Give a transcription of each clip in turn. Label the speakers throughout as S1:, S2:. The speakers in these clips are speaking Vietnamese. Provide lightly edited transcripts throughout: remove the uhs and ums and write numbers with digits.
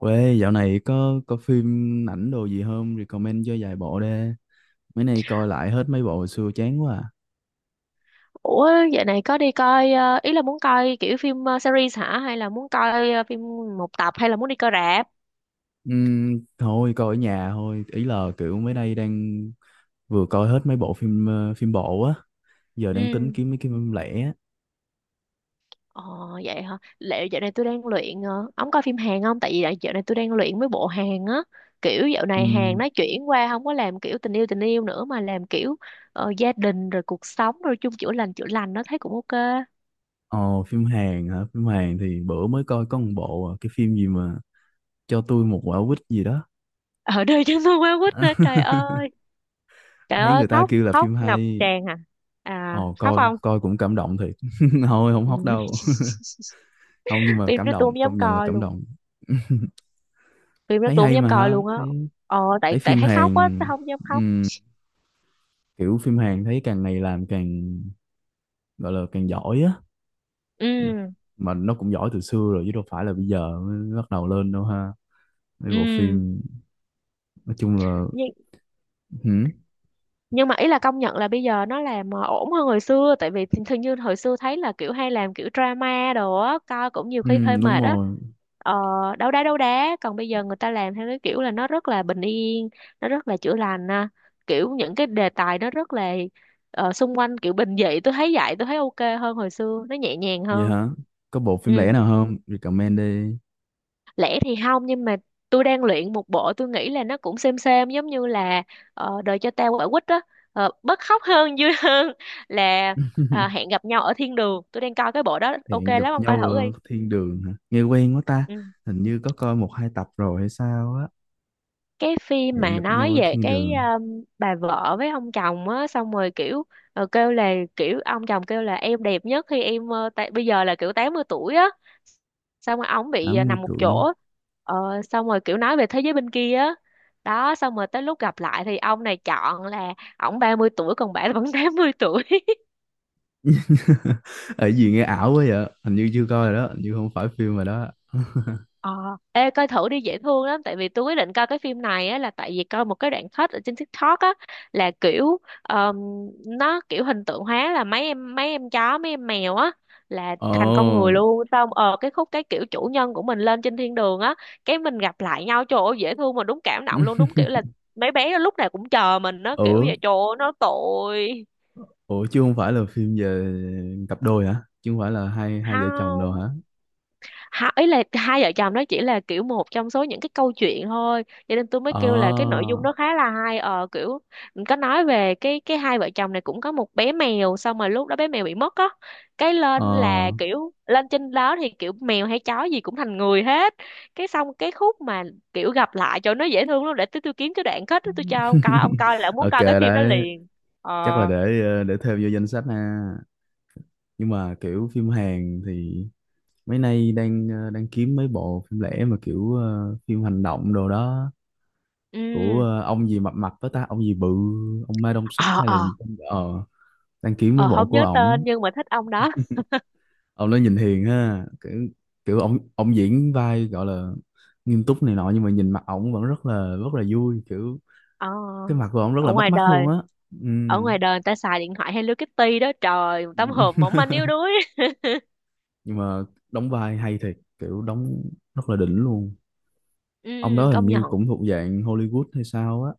S1: Quê dạo này có phim ảnh đồ gì không? Recommend cho vài bộ đi. Mấy nay coi lại hết mấy bộ hồi xưa chán quá à.
S2: Ủa, dạo này có đi coi, ý là muốn coi kiểu phim, series hả, hay là muốn coi phim một tập, hay là muốn đi coi rạp?
S1: Thôi coi ở nhà thôi. Ý là kiểu mấy nay đang vừa coi hết mấy bộ phim phim bộ á. Giờ đang tính
S2: Ừ.
S1: kiếm mấy cái phim lẻ á.
S2: Ờ, vậy hả? Liệu dạo này tôi đang luyện, ông coi phim Hàn không? Tại vì dạo dạo này tôi đang luyện mấy bộ Hàn á. Kiểu dạo này Hàn
S1: Phim
S2: nó chuyển qua không có làm kiểu tình yêu nữa, mà làm kiểu gia đình rồi cuộc sống rồi chung chữa lành chữa lành, nó thấy cũng ok.
S1: ồ phim Hàn hả? Phim Hàn thì bữa mới coi có một bộ à, cái phim gì mà cho tôi một quả quýt gì đó.
S2: Ở đây chúng tôi quá quýt nữa trời ơi. Trời
S1: Thấy
S2: ơi,
S1: người ta
S2: khóc
S1: kêu là
S2: khóc
S1: phim
S2: ngập
S1: hay.
S2: tràn à. À,
S1: Ồ
S2: khóc
S1: coi
S2: không?
S1: coi cũng cảm động thiệt. Thôi không
S2: Ừ.
S1: hóc đâu. Không, nhưng mà
S2: Phim
S1: cảm
S2: đó tôi
S1: động,
S2: không dám
S1: công nhận là
S2: coi
S1: cảm
S2: luôn,
S1: động.
S2: phim đó
S1: Thấy
S2: tôi không
S1: hay
S2: dám
S1: mà
S2: coi
S1: ha,
S2: luôn á.
S1: thấy
S2: Ờ,
S1: thấy
S2: tại tại
S1: phim
S2: thấy khóc á
S1: Hàn,
S2: tôi không dám khóc.
S1: kiểu phim Hàn thấy càng ngày làm càng gọi là càng giỏi á.
S2: Ừ,
S1: Mà nó cũng giỏi từ xưa rồi chứ đâu phải là bây giờ mới bắt đầu lên đâu ha, mấy bộ
S2: ừ,
S1: phim, nói chung là.
S2: nhưng
S1: Hử?
S2: nhưng mà ý là công nhận là bây giờ nó làm ổn hơn hồi xưa, tại vì thường thường như hồi xưa thấy là kiểu hay làm kiểu drama đồ á, coi cũng nhiều
S1: Ừ,
S2: khi hơi
S1: đúng
S2: mệt á.
S1: rồi.
S2: ờ Đấu đá đấu đá, còn bây giờ người ta làm theo cái kiểu là nó rất là bình yên, nó rất là chữa lành à. Kiểu những cái đề tài nó rất là xung quanh kiểu bình dị, tôi thấy vậy, tôi thấy ok hơn hồi xưa, nó nhẹ nhàng
S1: Vậy
S2: hơn.
S1: hả? Có bộ
S2: Ừ,
S1: phim lẻ nào không, recommend đi.
S2: lẻ thì không, nhưng mà tôi đang luyện một bộ, tôi nghĩ là nó cũng xem giống như là đời cho tao quả quýt đó, bớt khóc hơn, vui hơn là à, hẹn gặp nhau ở thiên đường. Tôi đang coi cái bộ đó, ok
S1: Hẹn
S2: lắm,
S1: gặp
S2: ông coi
S1: nhau
S2: thử
S1: ở
S2: đi.
S1: thiên đường hả? Nghe quen quá ta.
S2: Ừ.
S1: Hình như có coi một hai tập rồi hay sao á.
S2: Cái phim
S1: Hẹn
S2: mà
S1: gặp nhau
S2: nói
S1: ở
S2: về
S1: thiên
S2: cái
S1: đường.
S2: bà vợ với ông chồng á, xong rồi kiểu kêu là kiểu ông chồng kêu là em đẹp nhất khi em, bây giờ là kiểu 80 tuổi á, xong rồi ổng bị
S1: tám mươi
S2: nằm một
S1: tuổi
S2: chỗ, ờ, xong rồi kiểu nói về thế giới bên kia á. Đó, xong rồi tới lúc gặp lại thì ông này chọn là ổng 30 tuổi, còn bà vẫn 80 tuổi.
S1: Ở gì, nghe ảo quá vậy, hình như chưa coi rồi đó, hình như không phải phim rồi đó.
S2: Ờ, ê coi thử đi, dễ thương lắm. Tại vì tôi quyết định coi cái phim này á là tại vì coi một cái đoạn cut ở trên TikTok á, là kiểu nó kiểu hình tượng hóa là mấy em, mấy em chó mấy em mèo á, là thành con người
S1: Ồ.
S2: luôn. Xong cái khúc cái kiểu chủ nhân của mình lên trên thiên đường á, cái mình gặp lại nhau, trời ơi dễ thương mà đúng cảm động luôn, đúng kiểu là mấy bé nó lúc nào cũng chờ mình, nó kiểu
S1: Ủa,
S2: vậy, trời ơi nó tội.
S1: ủa chứ không phải là phim về cặp đôi hả, chứ không phải là hai hai vợ chồng đâu
S2: Không,
S1: hả?
S2: ý là hai vợ chồng nó chỉ là kiểu một trong số những cái câu chuyện thôi, cho nên tôi mới
S1: Ờ,
S2: kêu là cái nội dung nó khá là hay. Ờ Kiểu có nói về cái hai vợ chồng này cũng có một bé mèo, xong rồi lúc đó bé mèo bị mất á, cái lên là
S1: ờ.
S2: kiểu lên trên đó thì kiểu mèo hay chó gì cũng thành người hết. Cái xong cái khúc mà kiểu gặp lại cho nó dễ thương lắm. Để tôi kiếm cái đoạn kết đó tôi cho ông coi, ông coi là muốn
S1: Ok
S2: coi cái phim đó
S1: đấy.
S2: liền.
S1: Chắc là
S2: Ờ,
S1: để để thêm vô danh sách ha. Nhưng mà kiểu phim Hàn thì mấy nay đang kiếm mấy bộ phim lẻ, mà kiểu phim hành động đồ đó,
S2: ừ,
S1: của ông gì mập mập đó ta, ông gì bự, ông Ma Đông Sóc
S2: ờ,
S1: hay là.
S2: ờ,
S1: ờ Đăng kiếm với
S2: ờ
S1: bộ
S2: không
S1: của
S2: nhớ
S1: ổng.
S2: tên nhưng mà thích ông đó.
S1: Ông nó nhìn hiền ha, kiểu kiểu ổng ổng diễn vai gọi là nghiêm túc này nọ nhưng mà nhìn mặt ổng vẫn rất là vui kiểu.
S2: Ờ,
S1: Cái mặt của ổng rất
S2: ở
S1: là bắt
S2: ngoài
S1: mắt
S2: đời,
S1: luôn á. Ừ.
S2: ở ngoài đời người ta xài điện thoại Hello Kitty đó, trời, một tấm hộp mỏng manh yếu đuối.
S1: Nhưng mà đóng vai hay thiệt, kiểu đóng rất là đỉnh luôn.
S2: Ừ,
S1: Ông
S2: ừ,
S1: đó hình
S2: công nhận.
S1: như cũng thuộc dạng Hollywood hay sao á.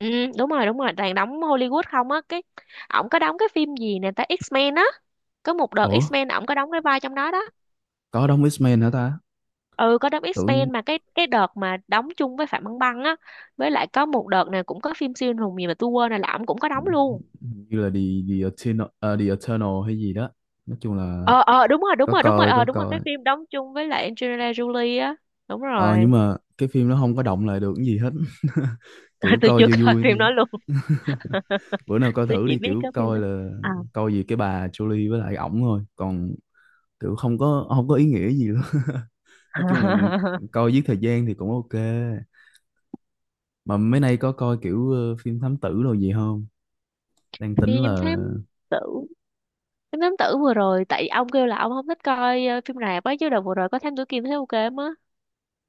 S2: Ừ, đúng rồi đúng rồi, toàn đóng Hollywood không á. Cái ổng có đóng cái phim gì nè ta, X-Men á, có một đợt
S1: Ủa,
S2: X-Men ổng có đóng cái vai trong đó đó.
S1: có đóng X-Men hả ta?
S2: Ừ, có đóng
S1: Tưởng
S2: X-Men mà cái đợt mà đóng chung với Phạm Băng Băng á. Với lại có một đợt này cũng có phim siêu anh hùng gì mà tôi quên rồi, là ổng cũng có đóng luôn.
S1: như là The Eternal hay gì đó, nói chung là.
S2: Ờ Đúng rồi, đúng
S1: Có
S2: rồi, đúng rồi,
S1: coi có
S2: đúng rồi, cái
S1: coi.
S2: phim đóng chung với lại Angelina Jolie á. Đúng
S1: Ờ
S2: rồi.
S1: nhưng mà cái phim nó không có động lại được cái gì hết. Kiểu
S2: Tôi
S1: coi
S2: chưa
S1: vui
S2: coi
S1: vui
S2: phim đó luôn.
S1: thôi. Bữa nào coi
S2: Tôi
S1: thử
S2: chỉ
S1: đi,
S2: biết
S1: kiểu
S2: cái phim
S1: coi
S2: đó.
S1: là,
S2: Ờ.
S1: coi gì cái bà Jolie với lại ổng thôi, còn kiểu không có ý nghĩa gì luôn. Nói chung là coi giết thời gian thì cũng ok. Mà mấy nay có coi kiểu phim thám tử đồ gì không? Đang tính
S2: Phim
S1: là.
S2: thám tử, phim thám tử vừa rồi, tại ông kêu là ông không thích coi phim rạp á, chứ đợt vừa rồi có thám tử Kiên thấy ok lắm á.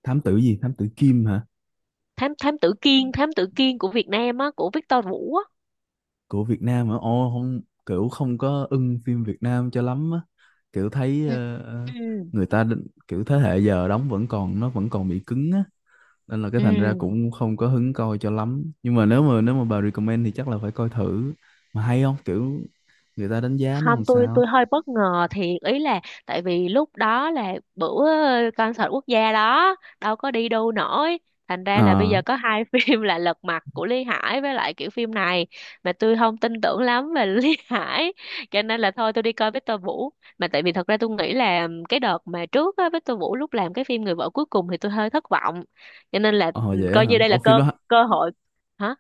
S1: Thám tử gì, thám tử Kim hả?
S2: Thám Thám tử Kiên, thám tử Kiên của Việt Nam á, của Victor Vũ á.
S1: Của Việt Nam hả? Ồ không, kiểu không có ưng phim Việt Nam cho lắm á. Kiểu thấy
S2: Ừ, ừ,
S1: người ta kiểu thế hệ giờ đóng vẫn còn, nó vẫn còn bị cứng á, nên là cái
S2: ừ.
S1: thành ra cũng không có hứng coi cho lắm. Nhưng mà nếu mà bà recommend thì chắc là phải coi thử. Mà hay không? Kiểu người ta đánh giá nó
S2: Không,
S1: làm
S2: tôi, tôi
S1: sao?
S2: hơi bất ngờ thiệt. Ý là tại vì lúc đó là bữa concert quốc gia đó, đâu có đi đâu nổi, thành ra là bây
S1: Ờ,
S2: giờ có hai phim là Lật Mặt của Lý Hải với lại kiểu phim này, mà tôi không tin tưởng lắm về Lý Hải, cho nên là thôi tôi đi coi Victor Vũ. Mà tại vì thật ra tôi nghĩ là cái đợt mà trước á, Victor Vũ lúc làm cái phim Người vợ cuối cùng thì tôi hơi thất vọng, cho nên là
S1: ờ
S2: ừ,
S1: vậy á
S2: coi
S1: hả?
S2: như đây là
S1: Ồ phim
S2: cơ,
S1: đó.
S2: cơ hội. Hả?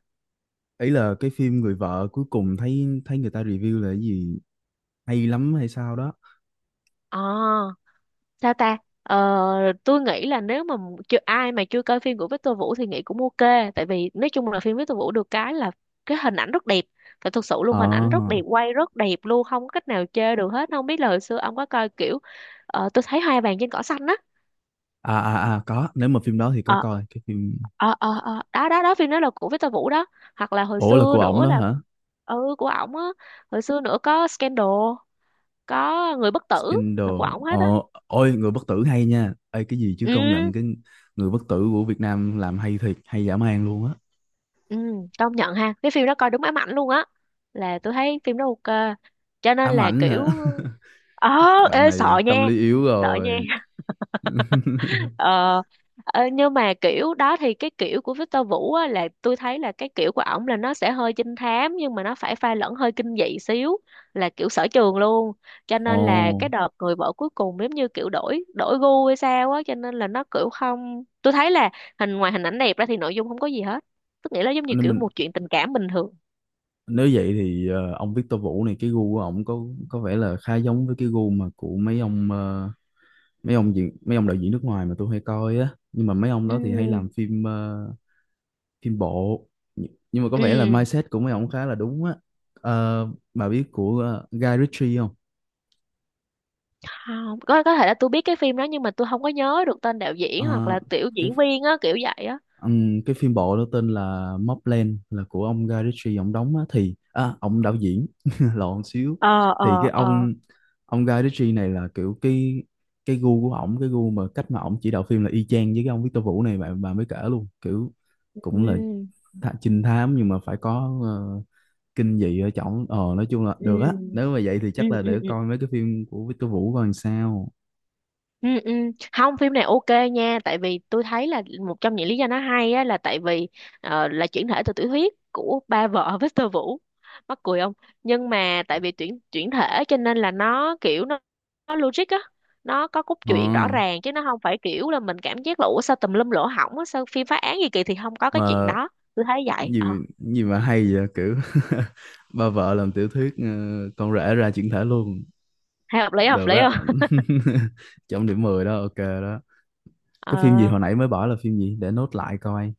S1: Ấy là cái phim Người vợ cuối cùng, thấy thấy người ta review là cái gì hay lắm hay sao đó.
S2: À sao ta, tôi nghĩ là nếu mà chưa, ai mà chưa coi phim của Victor Vũ thì nghĩ cũng ok, tại vì nói chung là phim Victor Vũ được cái là cái hình ảnh rất đẹp. Phải, thực sự luôn,
S1: Ờ,
S2: hình ảnh rất đẹp, quay rất đẹp luôn, không có cách nào chê được hết. Không biết là hồi xưa ông có coi kiểu tôi thấy hoa vàng trên cỏ xanh á.
S1: à à à, có, nếu mà phim đó thì có
S2: Ờ,
S1: coi cái phim.
S2: đó đó đó, phim đó là của Victor Vũ đó, hoặc là hồi
S1: Ủa, là
S2: xưa
S1: của ổng
S2: nữa
S1: đó
S2: là,
S1: hả?
S2: ừ, của ổng á. Hồi xưa nữa có Scandal, có Người bất tử,
S1: Scandal.
S2: là của ổng
S1: Ờ,
S2: hết á.
S1: ôi, người bất tử hay nha. Ê, cái gì chứ, công nhận
S2: Ừ.
S1: cái người bất tử của Việt Nam làm hay thiệt, hay dã man luôn á.
S2: Ừ, công nhận ha, cái phim đó coi đúng ám ảnh luôn á, là tôi thấy phim đó ok, cho nên
S1: Ám
S2: là
S1: ảnh
S2: kiểu
S1: hả?
S2: ờ
S1: Bạn
S2: ê
S1: này
S2: sợ nha,
S1: tâm lý yếu
S2: sợ nha.
S1: rồi.
S2: Ờ, ờ, nhưng mà kiểu đó thì cái kiểu của Victor Vũ á, là tôi thấy là cái kiểu của ổng là nó sẽ hơi trinh thám nhưng mà nó phải pha lẫn hơi kinh dị xíu, là kiểu sở trường luôn. Cho nên là
S1: Ồ,
S2: cái đợt người vợ cuối cùng giống như kiểu đổi đổi gu hay sao á, cho nên là nó kiểu không, tôi thấy là hình, ngoài hình ảnh đẹp ra thì nội dung không có gì hết, tức nghĩa là giống như
S1: nên
S2: kiểu
S1: mình.
S2: một chuyện tình cảm bình thường.
S1: Nếu vậy thì ông Victor Vũ này, cái gu của ổng có vẻ là khá giống với cái gu mà của mấy ông mấy ông diễn mấy ông đạo diễn nước ngoài mà tôi hay coi á. Nhưng mà mấy ông
S2: Ừ,
S1: đó thì hay làm phim phim bộ. Nh- nhưng mà có vẻ là
S2: ừ,
S1: mindset của mấy ông khá là đúng á. Ờ, bà biết của Guy Ritchie không?
S2: không, có có thể là tôi biết cái phim đó nhưng mà tôi không có nhớ được tên đạo diễn hoặc
S1: Ờ,
S2: là tiểu
S1: cái
S2: diễn viên á, kiểu vậy á.
S1: cái phim bộ đó tên là Mobland, là của ông Guy Ritchie ông đóng á, thì ông đạo diễn lộn xíu,
S2: ờ
S1: thì
S2: ờ
S1: cái
S2: ờ
S1: ông Guy Ritchie này là kiểu cái gu của ổng, cái gu mà cách mà ổng chỉ đạo phim là y chang với cái ông Victor Vũ này bạn bà mới kể luôn, kiểu
S2: ừ,
S1: cũng là trinh thám nhưng mà phải có kinh dị ở trỏng. Ờ nói chung là được á,
S2: ừ,
S1: nếu mà vậy thì
S2: ừ,
S1: chắc là
S2: ừ,
S1: để
S2: ừ.
S1: coi mấy cái phim của Victor Vũ coi làm sao.
S2: Ừ, ừ. Không, phim này ok nha, tại vì tôi thấy là một trong những lý do nó hay á, là tại vì là chuyển thể từ tiểu thuyết của ba vợ Victor Vũ, mắc cười không. Nhưng mà tại vì chuyển chuyển thể cho nên là nó kiểu nó logic á, nó có cốt
S1: ờ
S2: truyện rõ ràng, chứ nó không phải kiểu là mình cảm giác là ủa sao tùm lum lỗ hổng á, sao phim phá án gì kỳ, thì không có cái chuyện
S1: mà
S2: đó. Tôi thấy vậy.
S1: gì
S2: Ờ,
S1: gì mà hay vậy kiểu, ba vợ làm tiểu thuyết, con rể ra chuyển thể luôn.
S2: hay, hợp lý, hợp
S1: Được
S2: lý
S1: á.
S2: không.
S1: Trong điểm 10 đó, ok đó. Cái phim gì
S2: Ờ,
S1: hồi nãy mới bỏ là phim gì để nốt lại coi,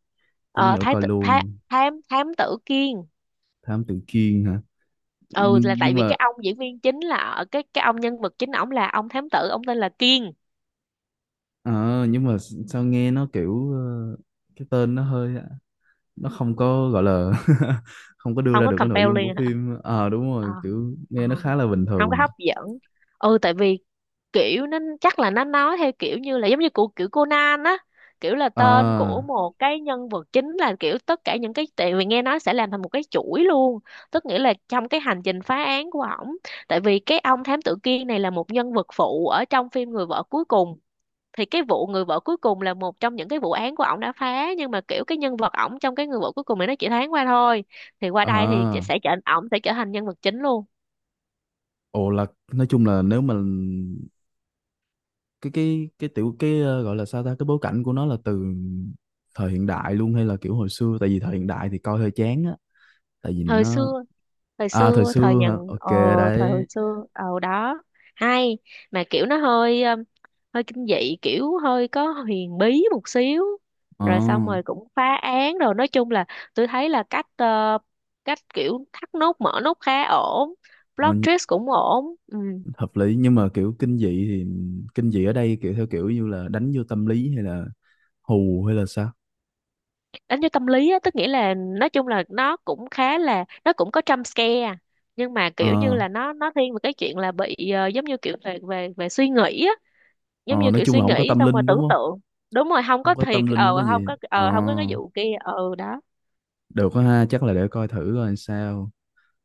S1: tí
S2: ờ,
S1: nữa
S2: thái
S1: coi
S2: tử, thám
S1: luôn.
S2: thám thám tử Kiên.
S1: Thám Tử Kiên hả?
S2: Ừ, là tại
S1: Nhưng
S2: vì
S1: mà
S2: cái ông diễn viên chính, là ở cái ông nhân vật chính ổng là ông thám tử, ông tên là Kiên.
S1: ờ, nhưng mà sao nghe nó kiểu cái tên nó hơi, nó không có gọi là, không có đưa
S2: Không
S1: ra
S2: có
S1: được cái nội dung của
S2: compelling hả?
S1: phim. Ờ Đúng
S2: Ờ,
S1: rồi,
S2: ờ,
S1: kiểu
S2: ờ,
S1: nghe nó khá là bình
S2: không có
S1: thường.
S2: hấp dẫn. Ừ, tại vì kiểu nó chắc là nó nói theo kiểu như là giống như của kiểu Conan á, kiểu là tên của
S1: À
S2: một cái nhân vật chính là kiểu tất cả những cái, tại vì nghe nói sẽ làm thành một cái chuỗi luôn, tức nghĩa là trong cái hành trình phá án của ổng. Tại vì cái ông thám tử Kiên này là một nhân vật phụ ở trong phim Người vợ cuối cùng, thì cái vụ người vợ cuối cùng là một trong những cái vụ án của ổng đã phá, nhưng mà kiểu cái nhân vật ổng trong cái người vợ cuối cùng này nó chỉ thoáng qua thôi, thì qua đây thì chị
S1: à,
S2: sẽ trở, ổng sẽ trở thành nhân vật chính luôn.
S1: ồ là, nói chung là nếu mà cái tiểu cái ờ, gọi là sao ta, cái bối cảnh của nó là từ thời hiện đại luôn hay là kiểu hồi xưa, tại vì thời hiện đại thì coi hơi chán á, tại vì
S2: Thời
S1: nó.
S2: xưa, thời
S1: À, thời
S2: xưa, thời
S1: xưa hả?
S2: nhận,
S1: Ok
S2: ờ, thời hồi
S1: đấy.
S2: xưa, đó, hay mà kiểu nó hơi hơi kinh dị, kiểu hơi có huyền bí một xíu.
S1: ờ
S2: Rồi xong rồi cũng phá án, rồi nói chung là tôi thấy là cách cách kiểu thắt nút mở nút khá ổn,
S1: ờ,
S2: plot
S1: nh-
S2: twist cũng ổn. Ừ.
S1: Hợp lý, nhưng mà kiểu kinh dị thì kinh dị ở đây kiểu theo kiểu như là đánh vô tâm lý hay là hù hay là sao?
S2: Đánh vô tâm lý á, tức nghĩa là nói chung là nó cũng khá là, nó cũng có jump scare, nhưng mà kiểu như
S1: ờ
S2: là nó thiên về cái chuyện là bị giống như kiểu về về về suy nghĩ á, giống
S1: Ờ,
S2: như
S1: nói
S2: kiểu
S1: chung là
S2: suy
S1: không có
S2: nghĩ
S1: tâm
S2: xong rồi
S1: linh đúng
S2: tưởng
S1: không?
S2: tượng. Đúng rồi, không
S1: Không
S2: có
S1: có
S2: thiệt,
S1: tâm linh không có
S2: không
S1: gì.
S2: có,
S1: Ờ,
S2: không có cái vụ kia, đó.
S1: được quá ha, chắc là để coi thử coi sao.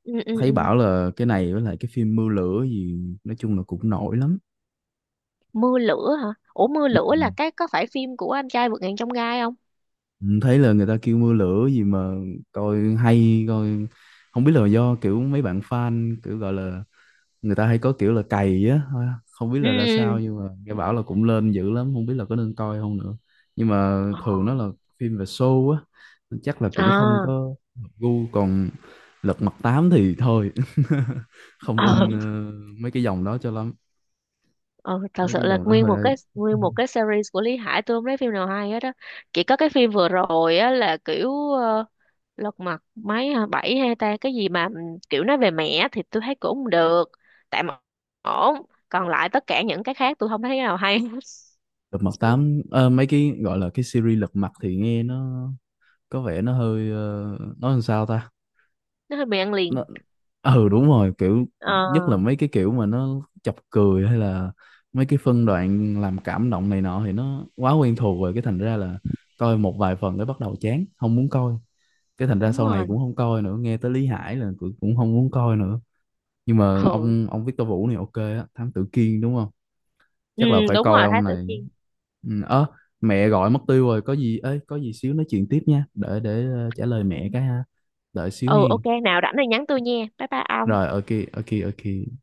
S2: Ừ, ừ,
S1: Thấy
S2: ừ.
S1: bảo là cái này với lại cái phim Mưa Lửa gì nói chung là cũng nổi lắm.
S2: Mưa lửa hả? Ủa, mưa
S1: Ừ.
S2: lửa là cái, có phải phim của anh trai vượt ngàn chông gai không?
S1: Ừ, thấy là người ta kêu Mưa Lửa gì mà coi hay coi, không biết là do kiểu mấy bạn fan kiểu gọi là người ta hay có kiểu là cày á, không biết
S2: Ừ,
S1: là ra
S2: ừ.
S1: sao, nhưng mà nghe bảo là cũng lên dữ lắm, không biết là có nên coi không nữa. Nhưng mà
S2: Ờ,
S1: thường nó là phim về show á, chắc là cũng không
S2: à,
S1: có hợp gu, còn lật mặt tám thì thôi. Không
S2: ờ,
S1: ưng mấy cái dòng đó cho lắm.
S2: Ừ, thật
S1: Mấy
S2: sự
S1: cái
S2: là
S1: dòng đó hơi.
S2: nguyên một cái series của Lý Hải tôi không thấy phim nào hay hết á, chỉ có cái phim vừa rồi á là kiểu lật mặt mấy hả, bảy hay ta, cái gì mà ừ, kiểu nói về mẹ, thì tôi thấy cũng không được, tạm ổn. Còn lại tất cả những cái khác tôi không thấy cái nào hay hết.
S1: Lật mặt tám, mấy cái gọi là cái series lật mặt thì nghe nó có vẻ nó hơi nói làm sao ta,
S2: Nó hơi bị ăn
S1: nó.
S2: liền.
S1: Ừ, đúng rồi, kiểu
S2: Ờ,
S1: nhất là mấy cái kiểu mà nó chọc cười hay là mấy cái phân đoạn làm cảm động này nọ thì nó quá quen thuộc rồi, cái thành ra là coi một vài phần cái bắt đầu chán không muốn coi, cái thành ra
S2: đúng
S1: sau này
S2: rồi.
S1: cũng không coi nữa, nghe tới Lý Hải là cũng cũng không muốn coi nữa. Nhưng mà
S2: Ừ,
S1: ông Victor Vũ này ok á, Thám Tử Kiên đúng không?
S2: ừ,
S1: Chắc là phải
S2: đúng rồi,
S1: coi
S2: Thái
S1: ông
S2: Tử
S1: này.
S2: Kiên.
S1: Ừ, ớ, mẹ gọi mất tiêu rồi, có gì ấy có gì xíu nói chuyện tiếp nha, để trả lời mẹ cái ha, đợi xíu
S2: Ừ, ok,
S1: hen.
S2: nào rảnh thì nhắn tôi nha, bye bye ông.
S1: Rồi ok. Ok ok.